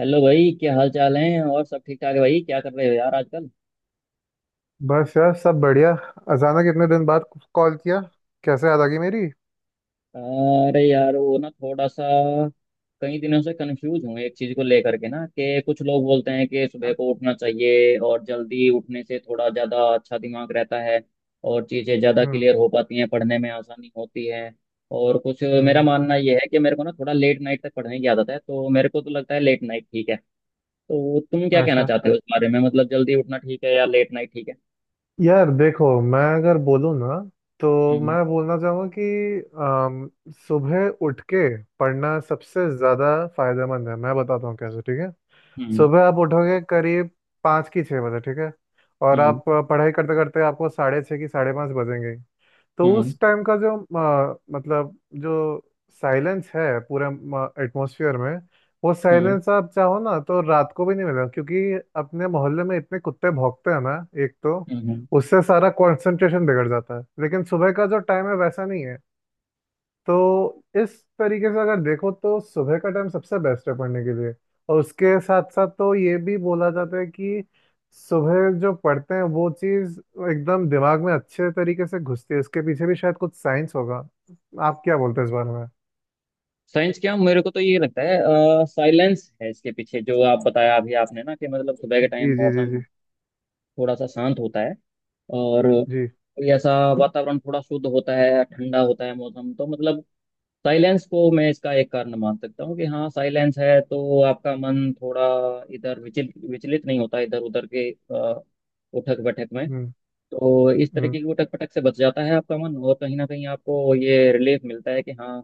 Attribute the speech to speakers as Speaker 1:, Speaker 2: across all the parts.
Speaker 1: Hello भाई, क्या हाल चाल है? और सब ठीक ठाक है? भाई क्या कर रहे हो यार आजकल?
Speaker 2: बस यार, सब बढ़िया। अचानक इतने दिन बाद कॉल किया, कैसे याद आ गई मेरी?
Speaker 1: अरे यार वो ना थोड़ा सा कई दिनों से कंफ्यूज हूँ एक चीज को लेकर के, ना कि कुछ लोग बोलते हैं कि सुबह
Speaker 2: हाँ।
Speaker 1: को उठना चाहिए और जल्दी उठने से थोड़ा ज्यादा अच्छा दिमाग रहता है और चीजें ज्यादा
Speaker 2: हम्म।
Speaker 1: क्लियर हो पाती हैं, पढ़ने में आसानी होती है। और कुछ मेरा
Speaker 2: हम्म।
Speaker 1: मानना यह है कि मेरे को ना थोड़ा लेट नाइट तक पढ़ने की आदत है, तो मेरे को तो लगता है लेट नाइट ठीक है। तो तुम क्या कहना
Speaker 2: अच्छा,
Speaker 1: चाहते हो इस बारे में? मतलब जल्दी उठना ठीक है या लेट नाइट ठीक है?
Speaker 2: यार देखो, मैं अगर बोलूँ ना, तो
Speaker 1: हम्म
Speaker 2: मैं बोलना चाहूँगा कि सुबह उठ के पढ़ना सबसे ज़्यादा फायदेमंद है। मैं बताता हूँ कैसे, ठीक है।
Speaker 1: हम्म
Speaker 2: सुबह आप उठोगे करीब पाँच की छः बजे, ठीक है। और
Speaker 1: हम्म
Speaker 2: आप पढ़ाई करते करते आपको साढ़े छः की साढ़े पाँच बजेंगे। तो
Speaker 1: हम्म
Speaker 2: उस टाइम का जो मतलब, जो साइलेंस है पूरे एटमॉस्फेयर में, वो
Speaker 1: हम्म
Speaker 2: साइलेंस आप चाहो ना तो रात को भी नहीं मिलेगा। क्योंकि अपने मोहल्ले में इतने कुत्ते भौंकते हैं ना, एक तो
Speaker 1: हम्म।
Speaker 2: उससे सारा कंसंट्रेशन बिगड़ जाता है। लेकिन सुबह का जो टाइम है, वैसा नहीं है। तो इस तरीके से अगर देखो तो सुबह का टाइम सबसे बेस्ट है पढ़ने के लिए। और उसके साथ साथ तो ये भी बोला जाता है कि सुबह जो पढ़ते हैं, वो चीज़ एकदम दिमाग में अच्छे तरीके से घुसती है। इसके पीछे भी शायद कुछ साइंस होगा। आप क्या बोलते हैं इस बारे में?
Speaker 1: साइंस क्या, मेरे को तो ये लगता है साइलेंस है इसके पीछे, जो आप बताया अभी आपने ना कि मतलब सुबह के
Speaker 2: जी
Speaker 1: टाइम
Speaker 2: जी जी
Speaker 1: मौसम
Speaker 2: जी।
Speaker 1: थोड़ा सा शांत होता है और
Speaker 2: जी।
Speaker 1: कोई ऐसा वातावरण थोड़ा शुद्ध होता है, ठंडा होता है मौसम, तो मतलब साइलेंस को मैं इसका एक कारण मान सकता हूँ कि हाँ साइलेंस है तो आपका मन थोड़ा इधर विचल विचलित नहीं होता, इधर उधर के उठक बैठक में।
Speaker 2: हम्म।
Speaker 1: तो इस तरीके
Speaker 2: हम्म।
Speaker 1: की उठक पटक से बच जाता है आपका मन और कहीं ना कहीं आपको ये रिलीफ मिलता है कि हाँ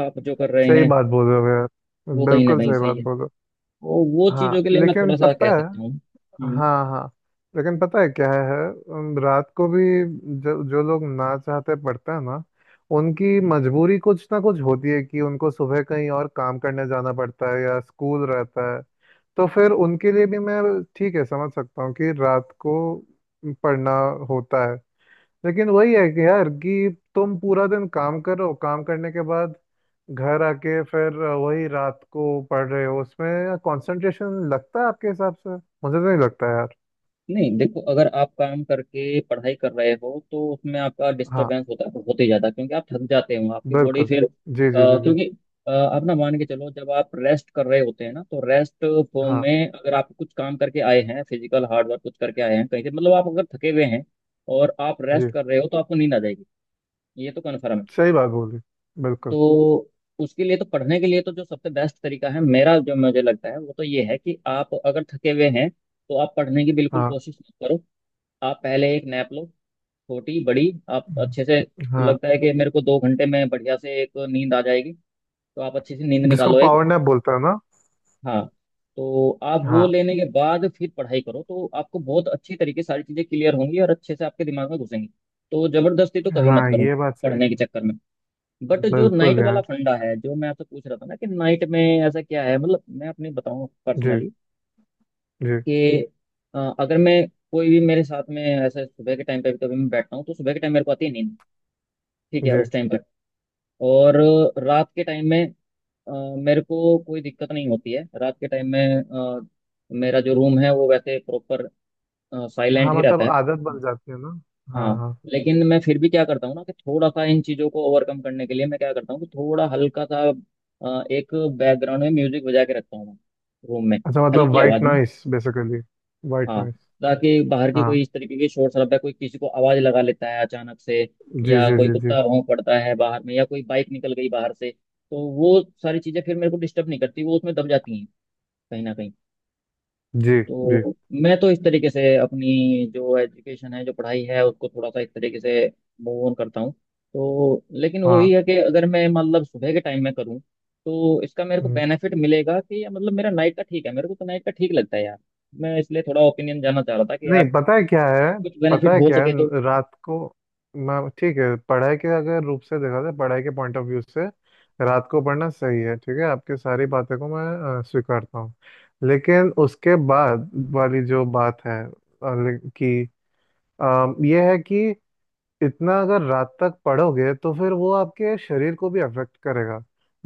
Speaker 1: आप जो कर रहे
Speaker 2: सही
Speaker 1: हैं
Speaker 2: बात बोल रहे हो यार।
Speaker 1: वो कहीं ना
Speaker 2: बिल्कुल
Speaker 1: कहीं
Speaker 2: सही
Speaker 1: सही
Speaker 2: बात
Speaker 1: है।
Speaker 2: बोल रहे
Speaker 1: वो
Speaker 2: हो।
Speaker 1: चीज़ों
Speaker 2: हाँ,
Speaker 1: के लिए मैं
Speaker 2: लेकिन
Speaker 1: थोड़ा सा
Speaker 2: पता
Speaker 1: कह
Speaker 2: है।
Speaker 1: सकता हूँ।
Speaker 2: हाँ हाँ, लेकिन पता है क्या है। रात को भी जो जो लोग ना चाहते पढ़ते हैं ना, उनकी मजबूरी कुछ ना कुछ होती है कि उनको सुबह कहीं और काम करने जाना पड़ता है या स्कूल रहता है। तो फिर उनके लिए भी मैं ठीक है, समझ सकता हूँ कि रात को पढ़ना होता है। लेकिन वही है कि यार, कि तुम पूरा दिन काम करो, काम करने के बाद घर आके फिर वही रात को पढ़ रहे हो, उसमें कंसंट्रेशन लगता है आपके हिसाब से? मुझे तो नहीं लगता यार।
Speaker 1: नहीं देखो, अगर आप काम करके पढ़ाई कर रहे हो तो उसमें आपका
Speaker 2: हाँ।
Speaker 1: डिस्टरबेंस होता होते ही जाता है, क्योंकि आप थक जाते हो, आपकी बॉडी
Speaker 2: बिल्कुल।
Speaker 1: फिर
Speaker 2: जी जी जी जी।
Speaker 1: क्योंकि आप ना मान के चलो, जब आप रेस्ट कर रहे होते हैं ना तो रेस्ट फॉर्म
Speaker 2: हाँ।
Speaker 1: में अगर आप कुछ काम करके आए हैं, फिजिकल हार्ड वर्क कुछ करके आए हैं कहीं से, मतलब आप अगर थके हुए हैं और आप रेस्ट
Speaker 2: जी।
Speaker 1: कर रहे हो तो आपको नींद आ जाएगी, ये तो कन्फर्म है।
Speaker 2: सही बात बोली। बिल्कुल।
Speaker 1: तो उसके लिए तो, पढ़ने के लिए तो जो सबसे बेस्ट तरीका है, मेरा जो मुझे लगता है वो तो ये है कि आप अगर थके हुए हैं तो आप पढ़ने की बिल्कुल
Speaker 2: हाँ
Speaker 1: कोशिश मत करो। आप पहले एक नैप लो, छोटी बड़ी आप अच्छे से,
Speaker 2: हाँ।
Speaker 1: लगता है कि मेरे को दो घंटे में बढ़िया से एक नींद आ जाएगी, तो आप अच्छी सी नींद
Speaker 2: जिसको
Speaker 1: निकालो एक।
Speaker 2: पावर नैप बोलते हैं ना।
Speaker 1: हाँ, तो आप वो
Speaker 2: हाँ।
Speaker 1: लेने के बाद फिर पढ़ाई करो तो आपको बहुत अच्छी तरीके से सारी चीज़ें क्लियर होंगी और अच्छे से आपके दिमाग में घुसेंगी। तो जबरदस्ती तो कभी मत
Speaker 2: हाँ
Speaker 1: करो
Speaker 2: ये बात सही
Speaker 1: पढ़ने के
Speaker 2: है।
Speaker 1: चक्कर में। बट जो
Speaker 2: बिल्कुल
Speaker 1: नाइट वाला
Speaker 2: यार।
Speaker 1: फंडा है जो मैं आपसे पूछ रहा था ना, कि नाइट में ऐसा क्या है? मतलब मैं अपनी बताऊं
Speaker 2: जी
Speaker 1: पर्सनली
Speaker 2: जी
Speaker 1: कि अगर मैं कोई भी मेरे साथ में ऐसा, सुबह के टाइम पे भी कभी मैं बैठता हूँ तो सुबह के टाइम मेरे को आती है नींद, ठीक है
Speaker 2: जी।
Speaker 1: उस टाइम पर। और रात के टाइम में अ, मेरे को कोई दिक्कत नहीं होती है, रात के टाइम में मेरा जो रूम है वो वैसे प्रॉपर साइलेंट
Speaker 2: हाँ,
Speaker 1: ही
Speaker 2: मतलब
Speaker 1: रहता है।
Speaker 2: आदत बन जाती है ना।
Speaker 1: हाँ,
Speaker 2: हाँ हाँ।
Speaker 1: लेकिन मैं फिर भी क्या करता हूँ ना कि थोड़ा सा इन चीज़ों को ओवरकम करने के लिए मैं क्या करता हूँ कि थोड़ा हल्का सा एक बैकग्राउंड में म्यूजिक बजा के रखता हूँ मैं, रूम में,
Speaker 2: अच्छा, मतलब
Speaker 1: हल्की
Speaker 2: वाइट
Speaker 1: आवाज़ में।
Speaker 2: Noise basically. वाइट
Speaker 1: हाँ,
Speaker 2: नॉइस।
Speaker 1: ताकि बाहर की
Speaker 2: हाँ।
Speaker 1: कोई इस तरीके की शोर शराबा, कोई किसी को आवाज़ लगा लेता है अचानक से,
Speaker 2: जी
Speaker 1: या
Speaker 2: जी
Speaker 1: कोई
Speaker 2: जी जी
Speaker 1: कुत्ता भौंक पड़ता है बाहर में, या कोई बाइक निकल गई बाहर से, तो वो सारी चीज़ें फिर मेरे को डिस्टर्ब नहीं करती, वो उसमें दब जाती हैं कहीं ना कहीं।
Speaker 2: जी जी।
Speaker 1: तो मैं तो इस तरीके से अपनी जो एजुकेशन है, जो पढ़ाई है, उसको थोड़ा सा इस तरीके से मूव ऑन करता हूँ। तो लेकिन
Speaker 2: हाँ।
Speaker 1: वही है कि अगर मैं मतलब सुबह के टाइम में करूँ तो इसका मेरे को
Speaker 2: हम्म।
Speaker 1: बेनिफिट मिलेगा कि, या मतलब मेरा नाइट का ठीक है? मेरे को तो नाइट का ठीक लगता है यार। मैं इसलिए थोड़ा ओपिनियन जानना चाह रहा था कि
Speaker 2: नहीं,
Speaker 1: यार
Speaker 2: पता है क्या है।
Speaker 1: कुछ
Speaker 2: पता
Speaker 1: बेनिफिट
Speaker 2: है
Speaker 1: हो
Speaker 2: क्या है,
Speaker 1: सके तो।
Speaker 2: रात को मैं ठीक है, पढ़ाई के अगर रूप से देखा जाए, पढ़ाई के पॉइंट ऑफ व्यू से रात को पढ़ना सही है, ठीक है। आपकी सारी बातें को मैं स्वीकारता हूँ। लेकिन उसके बाद वाली जो बात है कि अ, ये है कि इतना अगर रात तक पढ़ोगे तो फिर वो आपके शरीर को भी अफेक्ट करेगा।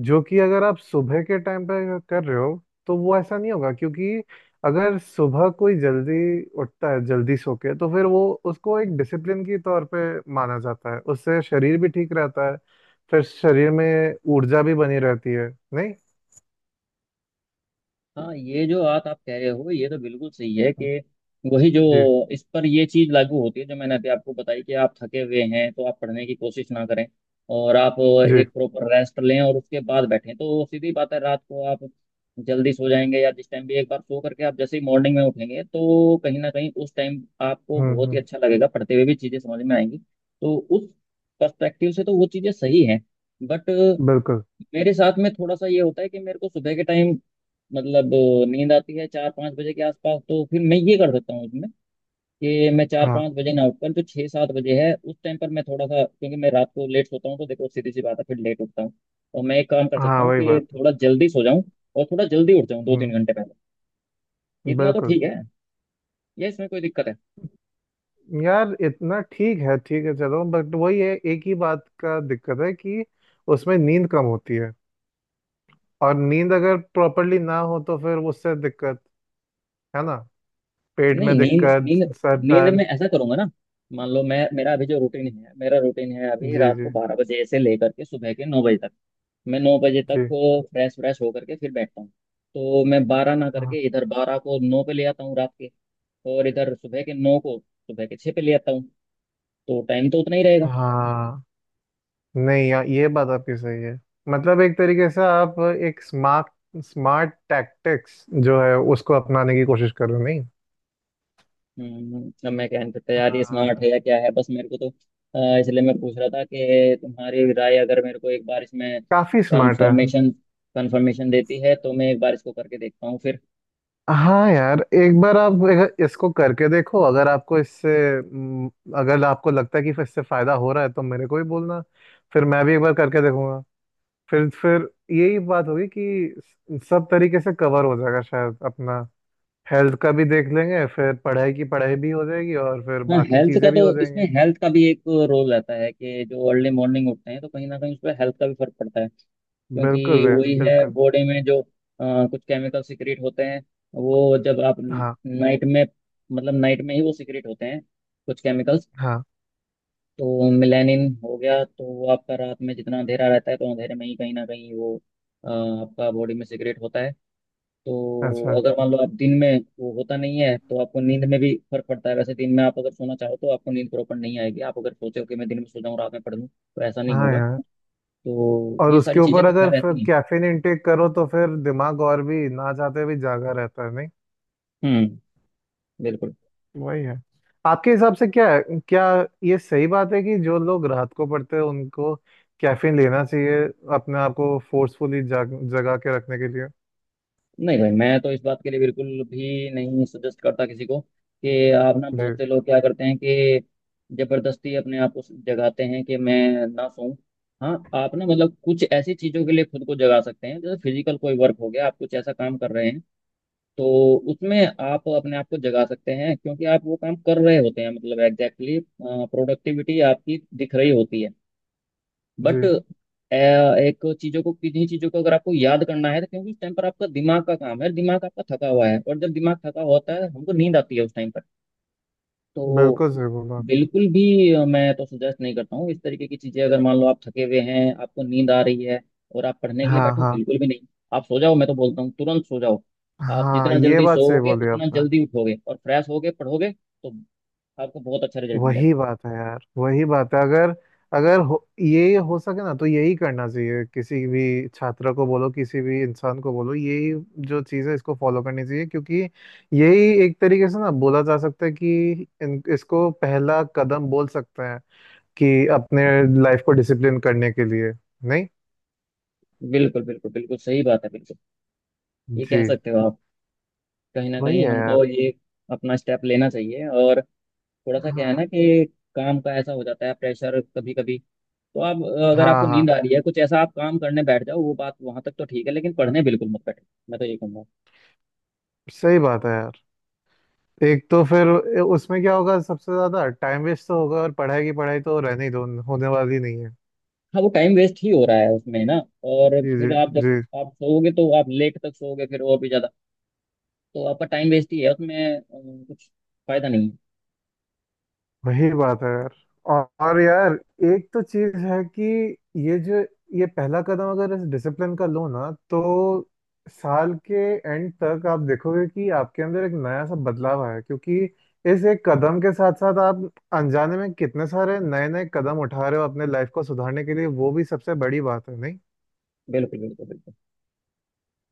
Speaker 2: जो कि अगर आप सुबह के टाइम पे अगर कर रहे हो तो वो ऐसा नहीं होगा, क्योंकि अगर सुबह कोई जल्दी उठता है, जल्दी सो के, तो फिर वो, उसको एक डिसिप्लिन की तौर पे माना जाता है, उससे शरीर भी ठीक रहता है, फिर शरीर में ऊर्जा भी बनी रहती है, नहीं?
Speaker 1: हाँ, ये जो बात आप कह रहे हो ये तो बिल्कुल सही है कि वही जो,
Speaker 2: जी
Speaker 1: इस पर ये चीज लागू होती है जो मैंने अभी आपको बताई कि आप थके हुए हैं तो आप पढ़ने की कोशिश ना करें और आप
Speaker 2: जी।
Speaker 1: एक प्रॉपर रेस्ट लें और उसके बाद बैठें, तो सीधी बात है रात को आप जल्दी सो जाएंगे या जिस टाइम भी एक बार सो करके आप जैसे ही मॉर्निंग में उठेंगे तो कहीं ना कहीं उस टाइम आपको बहुत
Speaker 2: हम्म।
Speaker 1: ही अच्छा लगेगा, पढ़ते हुए भी चीजें समझ में आएंगी। तो उस पर्सपेक्टिव से तो वो चीजें सही हैं। बट
Speaker 2: बिल्कुल।
Speaker 1: मेरे साथ में थोड़ा सा ये होता है कि मेरे को सुबह के टाइम मतलब नींद आती है चार पाँच बजे के आसपास, तो फिर मैं ये कर सकता हूँ उसमें कि मैं चार
Speaker 2: हाँ
Speaker 1: पाँच बजे ना उठकर जो छः सात बजे है उस टाइम पर, मैं थोड़ा सा, क्योंकि मैं रात को लेट सोता हूँ तो देखो सीधी सी बात है फिर लेट उठता हूँ, तो मैं एक काम कर सकता
Speaker 2: हाँ,
Speaker 1: हूँ
Speaker 2: वही
Speaker 1: कि
Speaker 2: बात है।
Speaker 1: थोड़ा जल्दी सो जाऊँ और थोड़ा जल्दी उठ जाऊँ, दो
Speaker 2: हम्म।
Speaker 1: तीन घंटे पहले। इतना तो
Speaker 2: बिल्कुल
Speaker 1: ठीक है, ये इसमें कोई दिक्कत है?
Speaker 2: यार, इतना ठीक है, ठीक है, चलो, बट वही है, एक ही बात का दिक्कत है कि उसमें नींद कम होती है, और नींद अगर प्रॉपरली ना हो तो फिर उससे दिक्कत है ना, पेट में
Speaker 1: नहीं नींद
Speaker 2: दिक्कत,
Speaker 1: नींद
Speaker 2: सर
Speaker 1: नींद में
Speaker 2: दर्द।
Speaker 1: ऐसा करूंगा ना, मान लो मैं, मेरा अभी जो रूटीन है, मेरा रूटीन है अभी
Speaker 2: जी
Speaker 1: रात को
Speaker 2: जी
Speaker 1: बारह बजे से लेकर के सुबह के नौ बजे तक, मैं नौ बजे तक
Speaker 2: जी।
Speaker 1: फ्रेश व्रेश होकर के फिर बैठता हूँ। तो मैं बारह ना
Speaker 2: हाँ
Speaker 1: करके इधर बारह को नौ पे ले आता हूँ रात के, और इधर सुबह के नौ को सुबह के छः पे ले आता हूँ, तो टाइम तो उतना ही रहेगा।
Speaker 2: हाँ। नहीं यार, ये बात आपकी सही है। मतलब एक तरीके से आप एक स्मार्ट स्मार्ट टैक्टिक्स जो है, उसको अपनाने की कोशिश कर रहे हो, नहीं?
Speaker 1: अब मैं क्या नहीं सकता यार ये
Speaker 2: हाँ,
Speaker 1: स्मार्ट है या क्या है, बस मेरे को तो इसलिए मैं पूछ रहा था कि तुम्हारी राय अगर मेरे को एक बार इसमें
Speaker 2: काफी स्मार्ट है।
Speaker 1: कंफर्मेशन कंफर्मेशन देती है तो मैं एक बार इसको करके देखता हूँ फिर।
Speaker 2: हाँ यार, एक बार आप अगर इसको करके देखो, अगर आपको इससे, हम्म, अगर आपको लगता है कि इससे फायदा हो रहा है तो मेरे को भी बोलना, फिर मैं भी एक बार करके देखूंगा। फिर यही बात होगी कि सब तरीके से कवर हो जाएगा शायद अपना। हेल्थ का भी देख लेंगे, फिर पढ़ाई की पढ़ाई भी हो जाएगी, और फिर
Speaker 1: हाँ,
Speaker 2: बाकी
Speaker 1: हेल्थ का
Speaker 2: चीजें भी
Speaker 1: तो,
Speaker 2: हो
Speaker 1: इसमें
Speaker 2: जाएंगी।
Speaker 1: हेल्थ का भी एक रोल रहता है, कि जो अर्ली मॉर्निंग उठते हैं तो कहीं ना कहीं उस पर हेल्थ का भी फर्क पड़ता है, क्योंकि
Speaker 2: बिल्कुल यार,
Speaker 1: वही है,
Speaker 2: बिल्कुल।
Speaker 1: बॉडी में जो कुछ केमिकल सिक्रेट होते हैं, वो जब आप
Speaker 2: हाँ
Speaker 1: नाइट में, मतलब नाइट में ही वो सिक्रेट होते हैं, कुछ केमिकल्स।
Speaker 2: हाँ।
Speaker 1: तो मेलानिन हो गया, तो वो आपका रात में जितना अंधेरा रहता है तो अंधेरे में ही कहीं ना कहीं वो आपका बॉडी में सिक्रेट होता है। तो
Speaker 2: अच्छा।
Speaker 1: अगर मान लो आप दिन में, वो होता नहीं है, तो आपको नींद में भी फर्क पड़ता है। वैसे दिन में आप अगर सोना चाहो तो आपको नींद प्रॉपर नहीं आएगी, आप अगर सोचो कि मैं दिन में सो जाऊँ रात में पढ़ लूँ, तो ऐसा नहीं
Speaker 2: हाँ
Speaker 1: होगा।
Speaker 2: यार,
Speaker 1: तो
Speaker 2: और
Speaker 1: ये सारी
Speaker 2: उसके ऊपर
Speaker 1: चीज़ें तो
Speaker 2: अगर
Speaker 1: खैर
Speaker 2: फिर
Speaker 1: रहती हैं।
Speaker 2: कैफीन इनटेक करो तो फिर दिमाग और भी ना चाहते भी जागा रहता है, नहीं?
Speaker 1: हम्म, बिल्कुल।
Speaker 2: वही है। आपके हिसाब से क्या है? क्या ये सही बात है कि जो लोग रात को पढ़ते हैं उनको कैफीन लेना चाहिए, अपने आप को फोर्सफुली जाग जगा के रखने के लिए?
Speaker 1: नहीं भाई, मैं तो इस बात के लिए बिल्कुल भी नहीं सजेस्ट करता किसी को कि आप ना,
Speaker 2: जी
Speaker 1: बहुत से लोग क्या करते हैं कि जबरदस्ती अपने आप को जगाते हैं कि मैं ना सोऊं। हाँ, आप ना मतलब कुछ ऐसी चीजों के लिए खुद को जगा सकते हैं जैसे फिजिकल कोई वर्क हो गया, आप कुछ ऐसा काम कर रहे हैं, तो उसमें आप अपने आप को जगा सकते हैं क्योंकि आप वो काम कर रहे होते हैं, मतलब एग्जैक्टली प्रोडक्टिविटी आपकी दिख रही होती है। बट
Speaker 2: जी।
Speaker 1: एक चीजों को, किन्हीं चीजों को अगर आपको याद करना है, तो क्योंकि उस टाइम पर आपका दिमाग का काम है, दिमाग आपका थका हुआ है, और जब दिमाग थका होता है हमको नींद आती है उस टाइम पर, तो
Speaker 2: बिल्कुल सही बोला।
Speaker 1: बिल्कुल भी मैं तो सजेस्ट नहीं करता हूँ इस तरीके की चीजें। अगर मान लो आप थके हुए हैं, आपको नींद आ रही है, और आप पढ़ने के लिए
Speaker 2: हाँ
Speaker 1: बैठो,
Speaker 2: हाँ
Speaker 1: बिल्कुल भी नहीं। आप सो जाओ, मैं तो बोलता हूँ तुरंत सो जाओ। आप
Speaker 2: हाँ,
Speaker 1: जितना
Speaker 2: ये
Speaker 1: जल्दी
Speaker 2: बात सही
Speaker 1: सोओगे
Speaker 2: बोली
Speaker 1: उतना
Speaker 2: आपने।
Speaker 1: जल्दी उठोगे और फ्रेश होगे, पढ़ोगे, तो आपको बहुत अच्छा रिजल्ट मिलेगा।
Speaker 2: वही बात है यार, वही बात है, अगर अगर हो, ये हो सके ना तो यही करना चाहिए, किसी भी छात्र को बोलो, किसी भी इंसान को बोलो, यही जो चीज़ है इसको फॉलो करनी चाहिए। क्योंकि यही एक तरीके से ना बोला जा सकता है कि इसको पहला कदम बोल सकते हैं, कि अपने लाइफ को डिसिप्लिन करने के लिए, नहीं?
Speaker 1: बिल्कुल बिल्कुल बिल्कुल सही बात है, बिल्कुल। ये
Speaker 2: जी।
Speaker 1: कह सकते हो आप, कहीं ना
Speaker 2: वही है
Speaker 1: कहीं हमको
Speaker 2: यार।
Speaker 1: ये अपना स्टेप लेना चाहिए। और थोड़ा सा क्या है
Speaker 2: हाँ
Speaker 1: ना कि काम का ऐसा हो जाता है प्रेशर कभी कभी, तो आप, अगर
Speaker 2: हाँ
Speaker 1: आपको नींद
Speaker 2: हाँ।
Speaker 1: आ रही है कुछ ऐसा आप काम करने बैठ जाओ, वो बात वहां तक तो ठीक है, लेकिन पढ़ने बिल्कुल मत बैठो, मैं तो ये कहूंगा।
Speaker 2: सही बात है यार। एक तो फिर उसमें क्या होगा, सबसे ज्यादा टाइम वेस्ट तो होगा और पढ़ाई की पढ़ाई तो रहने ही दो, होने वाली नहीं है।
Speaker 1: हाँ, वो टाइम वेस्ट ही हो रहा है उसमें ना, और
Speaker 2: जी जी
Speaker 1: फिर आप जब,
Speaker 2: जी।
Speaker 1: आप सोओगे तो आप लेट तक सोओगे फिर, और भी ज्यादा। तो आपका टाइम वेस्ट ही है उसमें, कुछ फायदा नहीं है।
Speaker 2: वही बात है यार। और यार, एक तो चीज है कि ये जो ये पहला कदम अगर इस डिसिप्लिन का लो ना, तो साल के एंड तक आप देखोगे कि आपके अंदर एक नया सा बदलाव आया है, क्योंकि इस एक कदम के साथ साथ आप अनजाने में कितने सारे नए नए कदम उठा रहे हो अपने लाइफ को सुधारने के लिए, वो भी सबसे बड़ी बात है, नहीं?
Speaker 1: बिल्कुल बिल्कुल बिल्कुल।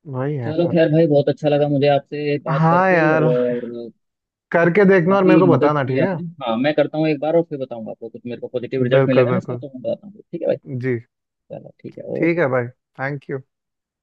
Speaker 2: वही है।
Speaker 1: चलो खैर भाई, बहुत अच्छा लगा मुझे आपसे बात
Speaker 2: हाँ
Speaker 1: करके,
Speaker 2: यार,
Speaker 1: और
Speaker 2: करके देखना और मेरे को
Speaker 1: काफी मदद
Speaker 2: बताना,
Speaker 1: की
Speaker 2: ठीक है।
Speaker 1: आपने। हाँ मैं करता हूँ एक बार और फिर बताऊंगा आपको, कुछ मेरे को पॉजिटिव रिजल्ट
Speaker 2: बिल्कुल
Speaker 1: मिलेगा ना इसका
Speaker 2: बिल्कुल।
Speaker 1: तो मैं बताता हूँ, ठीक है भाई?
Speaker 2: जी।
Speaker 1: चलो ठीक है,
Speaker 2: ठीक
Speaker 1: ओके।
Speaker 2: है भाई। Thank you.